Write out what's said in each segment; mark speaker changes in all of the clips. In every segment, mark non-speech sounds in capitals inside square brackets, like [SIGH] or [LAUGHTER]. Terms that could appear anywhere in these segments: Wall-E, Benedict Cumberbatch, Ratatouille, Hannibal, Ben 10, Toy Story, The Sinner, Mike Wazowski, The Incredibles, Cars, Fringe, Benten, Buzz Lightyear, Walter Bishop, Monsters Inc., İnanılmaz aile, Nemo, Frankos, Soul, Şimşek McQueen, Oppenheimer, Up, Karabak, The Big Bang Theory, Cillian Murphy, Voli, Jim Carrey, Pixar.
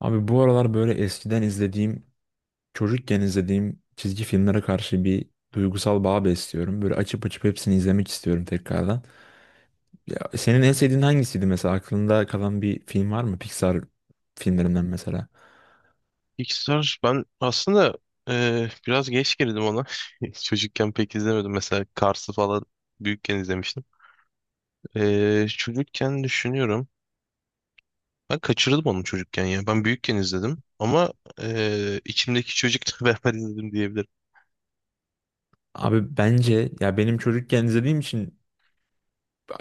Speaker 1: Abi bu aralar böyle eskiden izlediğim, çocukken izlediğim çizgi filmlere karşı bir duygusal bağ besliyorum. Böyle açıp açıp hepsini izlemek istiyorum tekrardan. Ya senin en sevdiğin hangisiydi mesela? Aklında kalan bir film var mı? Pixar filmlerinden mesela.
Speaker 2: Pixar ben aslında biraz geç girdim ona. [LAUGHS] Çocukken pek izlemedim. Mesela Cars'ı falan büyükken izlemiştim. Çocukken düşünüyorum. Ben kaçırdım onu çocukken ya. Ben büyükken izledim. Ama içimdeki çocukla [LAUGHS] beraber izledim diyebilirim.
Speaker 1: Abi bence ya benim çocukken izlediğim için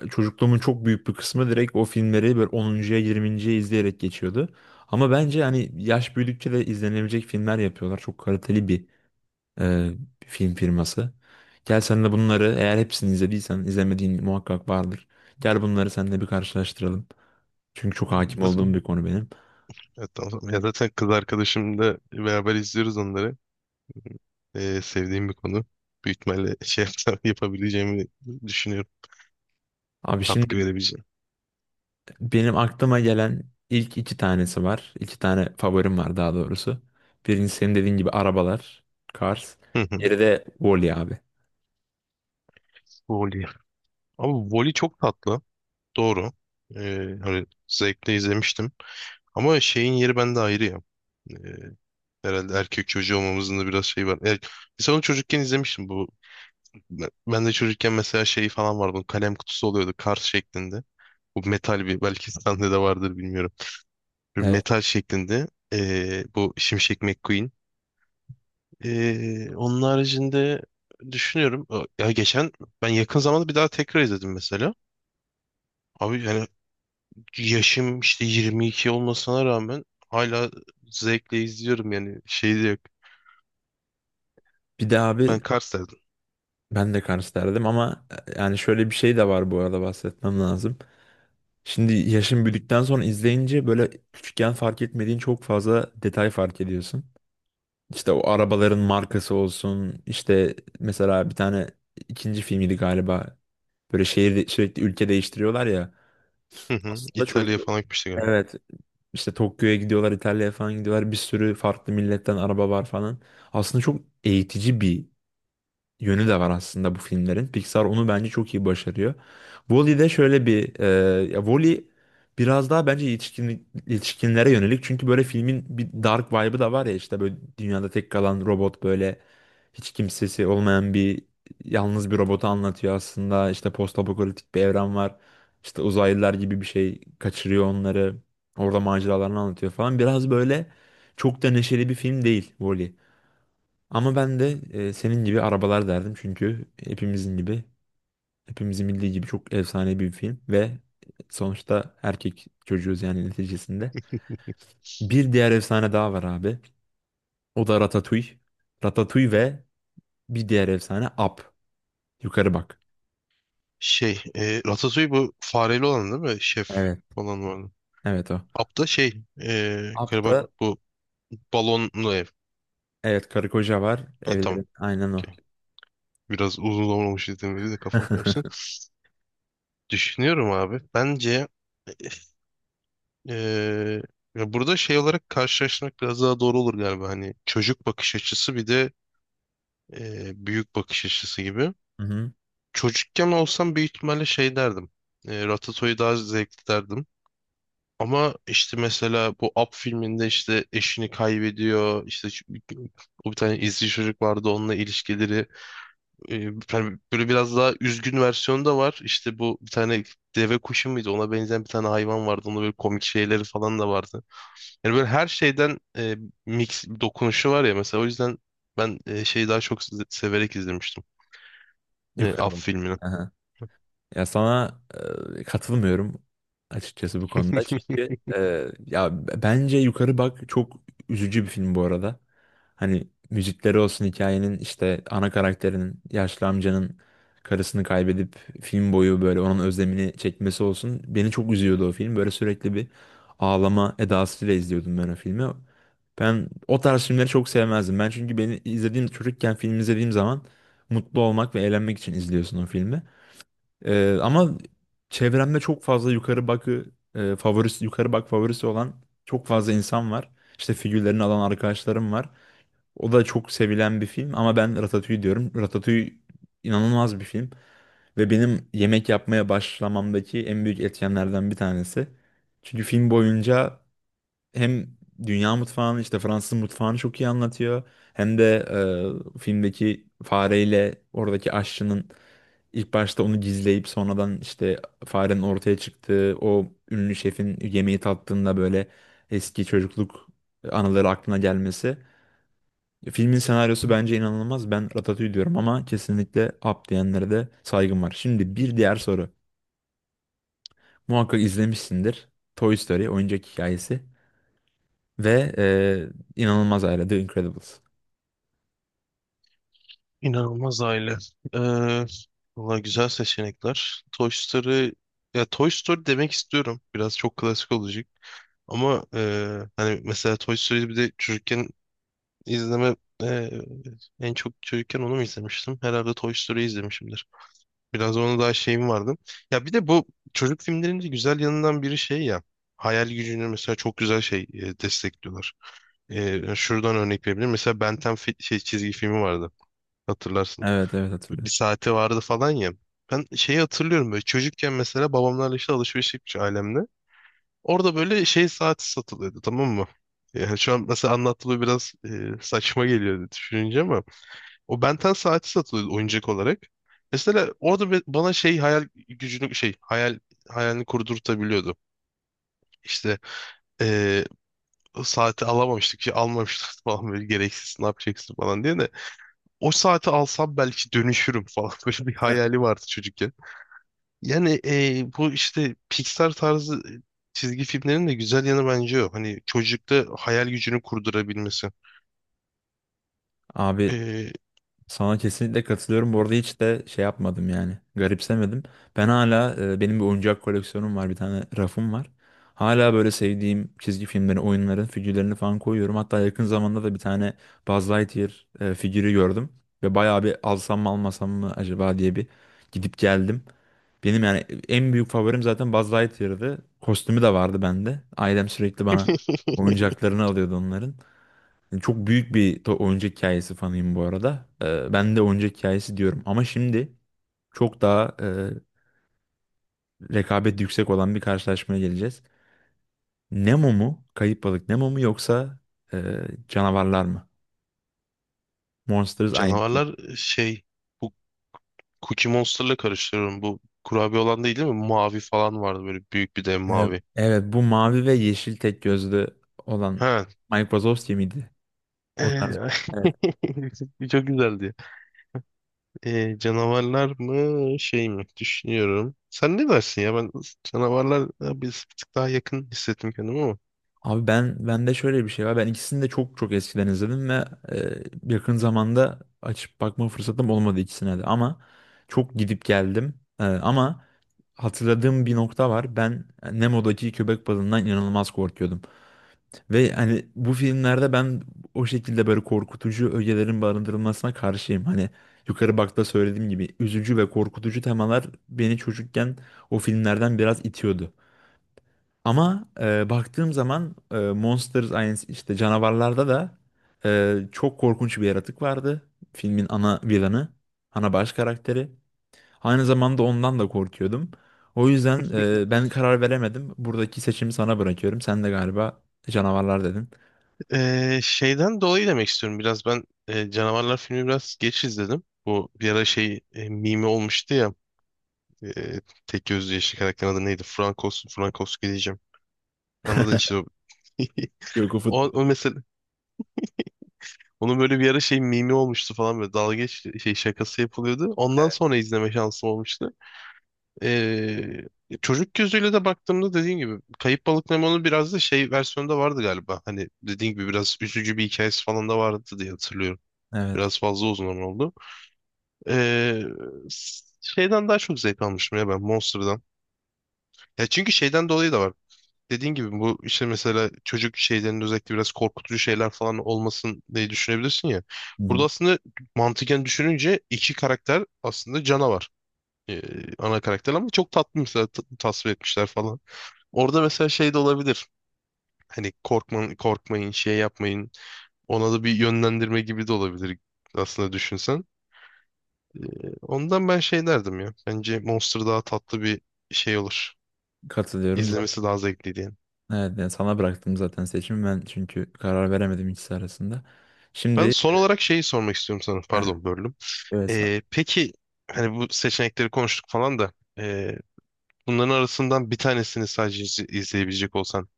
Speaker 1: çocukluğumun çok büyük bir kısmı direkt o filmleri böyle 10.ya 20.ye izleyerek geçiyordu. Ama bence hani yaş büyüdükçe de izlenebilecek filmler yapıyorlar. Çok kaliteli bir e, film firması. Gel sen de bunları eğer hepsini izlediysen izlemediğin muhakkak vardır. Gel bunları seninle bir karşılaştıralım. Çünkü çok hakim
Speaker 2: Nasıl?
Speaker 1: olduğum bir konu benim.
Speaker 2: Evet, tamam. Ya zaten kız arkadaşımla beraber izliyoruz onları. Sevdiğim bir konu. Büyük ihtimalle [LAUGHS] yapabileceğimi düşünüyorum.
Speaker 1: Abi şimdi
Speaker 2: Katkı verebileceğim.
Speaker 1: Benim aklıma gelen ilk iki tanesi var. İki tane favorim var daha doğrusu. Birincisi senin dediğin gibi arabalar, Cars.
Speaker 2: Hı hı.
Speaker 1: Diğeri de Wall-E abi.
Speaker 2: Voli. Abi Voli çok tatlı. Doğru. Ee, Hani zevkle izlemiştim. Ama şeyin yeri bende ayrı ya. Ee, Herhalde erkek çocuğu olmamızın da biraz şeyi var. Biz onu çocukken izlemiştim. Bu ben de çocukken mesela şey falan vardı. Kalem kutusu oluyordu kart şeklinde. Bu metal bir belki sende de vardır bilmiyorum. Bir
Speaker 1: Evet.
Speaker 2: metal şeklinde bu Şimşek McQueen. Onun haricinde düşünüyorum. Ya geçen ben yakın zamanda bir daha tekrar izledim mesela. Abi yani yaşım işte 22 olmasına rağmen hala zevkle izliyorum yani şey de yok.
Speaker 1: Bir de abi
Speaker 2: Ben Kars derdim.
Speaker 1: ben de Cars derdim ama yani şöyle bir şey de var bu arada bahsetmem lazım. Şimdi yaşın büyüdükten sonra izleyince böyle küçükken fark etmediğin çok fazla detay fark ediyorsun. İşte o arabaların markası olsun. İşte mesela bir tane ikinci filmiydi galiba. Böyle şehir sürekli ülke değiştiriyorlar ya.
Speaker 2: Hı hı.
Speaker 1: Aslında çocuk
Speaker 2: İtalya'ya falan gitmiştik galiba.
Speaker 1: Evet, işte Tokyo'ya gidiyorlar, İtalya'ya falan gidiyorlar. Bir sürü farklı milletten araba var falan. Aslında çok eğitici bir yönü de var aslında bu filmlerin. Pixar onu bence çok iyi başarıyor. Wall-E'de şöyle bir ya Wall-E biraz daha bence yetişkin, yetişkinlere yönelik. Çünkü böyle filmin bir dark vibe'ı da var ya işte böyle dünyada tek kalan robot böyle hiç kimsesi olmayan bir yalnız bir robotu anlatıyor aslında. İşte postapokaliptik bir evren var. İşte uzaylılar gibi bir şey kaçırıyor onları. Orada maceralarını anlatıyor falan. Biraz böyle çok da neşeli bir film değil Wall-E. Ama ben de senin gibi arabalar derdim çünkü hepimizin bildiği gibi çok efsane bir film ve sonuçta erkek çocuğuz yani neticesinde. Bir diğer efsane daha var abi. O da Ratatouille. Ratatouille ve bir diğer efsane Up. Yukarı bak.
Speaker 2: Şey, Ratatouille bu fareli olan değil mi? Şef
Speaker 1: Evet.
Speaker 2: olan var.
Speaker 1: Evet o.
Speaker 2: Apta şey
Speaker 1: Up
Speaker 2: Karabak
Speaker 1: da.
Speaker 2: bu balonlu ev.
Speaker 1: Evet, karı koca var.
Speaker 2: Ha, tamam.
Speaker 1: Evlerin aynen o.
Speaker 2: Okey. Biraz uzun zaman olmuş izlediğim beri de kafam karıştı.
Speaker 1: [LAUGHS]
Speaker 2: Düşünüyorum abi. Bence eee, ya burada şey olarak karşılaştırmak biraz daha doğru olur galiba. Hani çocuk bakış açısı bir de büyük bakış açısı gibi.
Speaker 1: Hı hı.
Speaker 2: Çocukken olsam büyük ihtimalle şey derdim. Ratatouille daha zevkli derdim. Ama işte mesela bu Up filminde işte eşini kaybediyor. İşte o bir tane izci çocuk vardı onunla ilişkileri. E, hani böyle biraz daha üzgün versiyonu da var. İşte bu bir tane deve kuşu muydu? Ona benzeyen bir tane hayvan vardı. Onda böyle komik şeyleri falan da vardı. Yani böyle her şeyden mix bir dokunuşu var ya mesela. O yüzden ben şeyi daha çok severek izlemiştim. E,
Speaker 1: Yukarı
Speaker 2: Up
Speaker 1: bak.
Speaker 2: filmini.
Speaker 1: Ya sana katılmıyorum açıkçası bu konuda. Çünkü ya bence Yukarı Bak çok üzücü bir film bu arada. Hani müzikleri olsun hikayenin işte ana karakterinin yaşlı amcanın karısını kaybedip film boyu böyle onun özlemini çekmesi olsun. Beni çok üzüyordu o film. Böyle sürekli bir ağlama edasıyla izliyordum ben o filmi. Ben o tarz filmleri çok sevmezdim. Ben çünkü beni izlediğim çocukken film izlediğim zaman mutlu olmak ve eğlenmek için izliyorsun o filmi. Ama çevremde çok fazla yukarı bak favorisi olan çok fazla insan var. İşte figürlerini alan arkadaşlarım var. O da çok sevilen bir film ama ben Ratatouille diyorum. Ratatouille inanılmaz bir film ve benim yemek yapmaya başlamamdaki en büyük etkenlerden bir tanesi. Çünkü film boyunca hem dünya mutfağını işte Fransız mutfağını çok iyi anlatıyor hem de filmdeki fareyle oradaki aşçının İlk başta onu gizleyip sonradan işte farenin ortaya çıktığı o ünlü şefin yemeği tattığında böyle eski çocukluk anıları aklına gelmesi. Filmin senaryosu bence inanılmaz. Ben Ratatouille diyorum ama kesinlikle Up diyenlere de saygım var. Şimdi bir diğer soru. Muhakkak izlemişsindir. Toy Story oyuncak hikayesi ve inanılmaz aile The Incredibles.
Speaker 2: İnanılmaz aile. Ee, Valla güzel seçenekler. Toy Story ya Toy Story demek istiyorum. Biraz çok klasik olacak. Ama hani mesela Toy Story bir de çocukken İzleme e, en çok çocukken onu mu izlemiştim? Herhalde Toy Story izlemişimdir. Biraz ona daha şeyim vardı. Ya bir de bu çocuk filmlerinin de güzel yanından biri şey ya. Hayal gücünü mesela çok güzel şey destekliyorlar. E, şuradan örnek verebilirim. Mesela Ben 10 şey, çizgi filmi vardı. Hatırlarsın.
Speaker 1: Evet, evet,
Speaker 2: Bir
Speaker 1: hatırlıyorum.
Speaker 2: saati vardı falan ya. Ben şeyi hatırlıyorum böyle çocukken mesela babamlarla işte alışveriş yapmış ailemle. Orada böyle şey saati satılıyordu, tamam mı? Yani şu an mesela anlattığı biraz saçma geliyor düşününce ama o Benten saati satılıyordu oyuncak olarak. Mesela orada bana şey hayal gücünü şey hayalini kurdurtabiliyordu. İşte eee, o saati alamamıştık ki almamıştık [LAUGHS] falan böyle gereksiz ne yapacaksın falan diye de o saati alsam belki dönüşürüm falan [LAUGHS] böyle bir hayali vardı çocukken. Yani bu işte Pixar tarzı çizgi filmlerin de güzel yanı bence o. Hani çocukta hayal gücünü kurdurabilmesi.
Speaker 1: Abi
Speaker 2: Eee,
Speaker 1: sana kesinlikle katılıyorum. Bu arada hiç de şey yapmadım yani. Garipsemedim. Ben hala benim bir oyuncak koleksiyonum var. Bir tane rafım var. Hala böyle sevdiğim çizgi filmlerin, oyunların figürlerini falan koyuyorum. Hatta yakın zamanda da bir tane Buzz Lightyear figürü gördüm. Ve bayağı bir alsam mı almasam mı acaba diye bir gidip geldim. Benim yani en büyük favorim zaten Buzz Lightyear'dı. Kostümü de vardı bende. Ailem sürekli bana
Speaker 2: [LAUGHS]
Speaker 1: oyuncaklarını alıyordu onların. Yani çok büyük bir oyuncak hikayesi fanıyım bu arada. Ben de oyuncak hikayesi diyorum. Ama şimdi çok daha rekabet yüksek olan bir karşılaşmaya geleceğiz. Nemo mu? Kayıp balık Nemo mu yoksa canavarlar mı? Monsters Inc.
Speaker 2: canavarlar şey bu Cookie Monster'la karıştırıyorum. Bu kurabiye olan değil değil mi? Mavi falan vardı böyle büyük bir dev
Speaker 1: Ee,
Speaker 2: mavi.
Speaker 1: evet, bu mavi ve yeşil tek gözlü olan
Speaker 2: Ha.
Speaker 1: Mike Wazowski miydi? O tarz.
Speaker 2: Ee, [LAUGHS] Çok güzeldi. Canavarlar mı şey mi? Düşünüyorum. Sen ne dersin ya? Ben canavarlar biz bir tık daha yakın hissettim kendimi ama.
Speaker 1: Abi ben bende şöyle bir şey var. Ben ikisini de çok çok eskiden izledim ve yakın zamanda açıp bakma fırsatım olmadı ikisine de. Ama çok gidip geldim. Ama hatırladığım bir nokta var. Ben Nemo'daki köpek balığından inanılmaz korkuyordum. Ve hani bu filmlerde ben o şekilde böyle korkutucu ögelerin barındırılmasına karşıyım. Hani yukarı bakta söylediğim gibi üzücü ve korkutucu temalar beni çocukken o filmlerden biraz itiyordu. Ama baktığım zaman Monster aynı işte canavarlarda da çok korkunç bir yaratık vardı. Filmin ana villainı, ana baş karakteri. Aynı zamanda ondan da korkuyordum. O yüzden ben karar veremedim. Buradaki seçimi sana bırakıyorum. Sen de galiba canavarlar dedin.
Speaker 2: Şeyden dolayı demek istiyorum biraz ben, canavarlar filmi biraz geç izledim. Bu bir ara şey mimi olmuştu ya. E, tek gözlü yeşil karakterin adı neydi? Frankos, Frankos diyeceğim. Anladın işte
Speaker 1: [LAUGHS]
Speaker 2: o. [LAUGHS]
Speaker 1: Yok, o
Speaker 2: O,
Speaker 1: futbol.
Speaker 2: o mesela onun böyle bir ara şey mimi olmuştu falan böyle şey şakası yapılıyordu. Ondan sonra izleme şansım olmuştu. Ee, Çocuk gözüyle de baktığımda dediğim gibi Kayıp Balık Nemo'nun biraz da şey versiyonu da vardı galiba. Hani dediğim gibi biraz üzücü bir hikayesi falan da vardı diye hatırlıyorum.
Speaker 1: Evet.
Speaker 2: Biraz fazla uzun ama oldu. Ee, Şeyden daha çok zevk almıştım ya ben Monster'dan. Ya çünkü şeyden dolayı da var. Dediğin gibi bu işte mesela çocuk şeylerinde özellikle biraz korkutucu şeyler falan olmasın diye düşünebilirsin ya. Burada
Speaker 1: Hı.
Speaker 2: aslında mantıken düşününce iki karakter aslında canavar. Ee, Ana karakter ama çok tatlı mesela tasvir etmişler falan. Orada mesela şey de olabilir. Hani korkmayın, korkmayın, şey yapmayın. Ona da bir yönlendirme gibi de olabilir aslında düşünsen. Ondan ben şey derdim ya. Bence Monster daha tatlı bir şey olur.
Speaker 1: Katılıyorum zaten.
Speaker 2: İzlemesi daha zevkli diye.
Speaker 1: Evet, yani sana bıraktım zaten seçimi ben çünkü karar veremedim ikisi arasında.
Speaker 2: Ben
Speaker 1: Şimdi.
Speaker 2: son olarak şeyi sormak istiyorum sana.
Speaker 1: Heh,
Speaker 2: Pardon, böldüm.
Speaker 1: evet.
Speaker 2: Peki hani bu seçenekleri konuştuk falan da ee, bunların arasından bir tanesini sadece izleyebilecek olsan.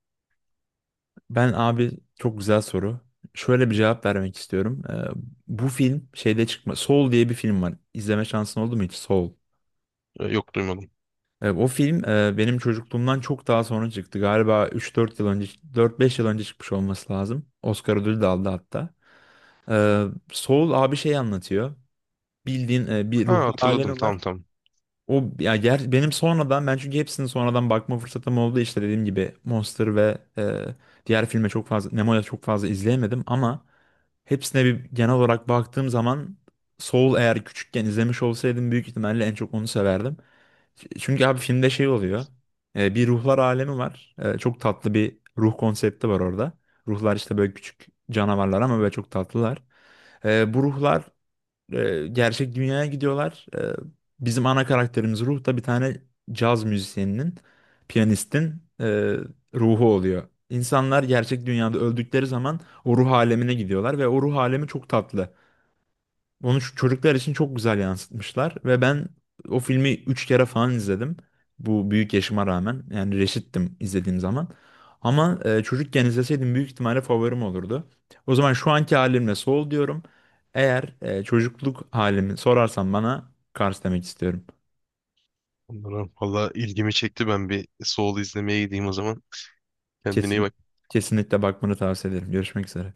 Speaker 1: Ben, abi, çok güzel soru. Şöyle bir cevap vermek istiyorum. Bu film şeyde çıkma. Soul diye bir film var. İzleme şansın oldu mu hiç? Soul.
Speaker 2: Yok duymadım.
Speaker 1: O film benim çocukluğumdan çok daha sonra çıktı. Galiba 3-4 yıl önce, 4-5 yıl önce çıkmış olması lazım. Oscar ödülü de aldı hatta. Ee, Soul abi şey anlatıyor. Bildiğin bir
Speaker 2: Ha,
Speaker 1: ruhlar
Speaker 2: hatırladım,
Speaker 1: alemi var.
Speaker 2: tamam tamam.
Speaker 1: O ya ger benim sonradan ben çünkü hepsini sonradan bakma fırsatım oldu. İşte dediğim gibi Monster ve diğer filme çok fazla Nemo'ya çok fazla izleyemedim ama hepsine bir genel olarak baktığım zaman Soul eğer küçükken izlemiş olsaydım büyük ihtimalle en çok onu severdim. Çünkü abi filmde şey oluyor. Bir ruhlar alemi var. Çok tatlı bir ruh konsepti var orada. Ruhlar işte böyle küçük canavarlar ama böyle çok tatlılar. Bu ruhlar gerçek dünyaya gidiyorlar. Bizim ana karakterimiz Ruh da bir tane caz müzisyeninin, piyanistin ruhu oluyor. İnsanlar gerçek dünyada öldükleri zaman o ruh alemine gidiyorlar ve o ruh alemi çok tatlı. Onu şu çocuklar için çok güzel yansıtmışlar ve ben o filmi 3 kere falan izledim. Bu büyük yaşıma rağmen yani reşittim izlediğim zaman. Ama çocukken izleseydim büyük ihtimalle favorim olurdu. O zaman şu anki halimle Soul diyorum. Eğer çocukluk halimi sorarsan bana Cars demek istiyorum.
Speaker 2: Bunlara valla ilgimi çekti, ben bir Soul izlemeye gideyim o zaman. Kendine iyi
Speaker 1: Kesin
Speaker 2: bak.
Speaker 1: kesinlikle bakmanı tavsiye ederim. Görüşmek üzere.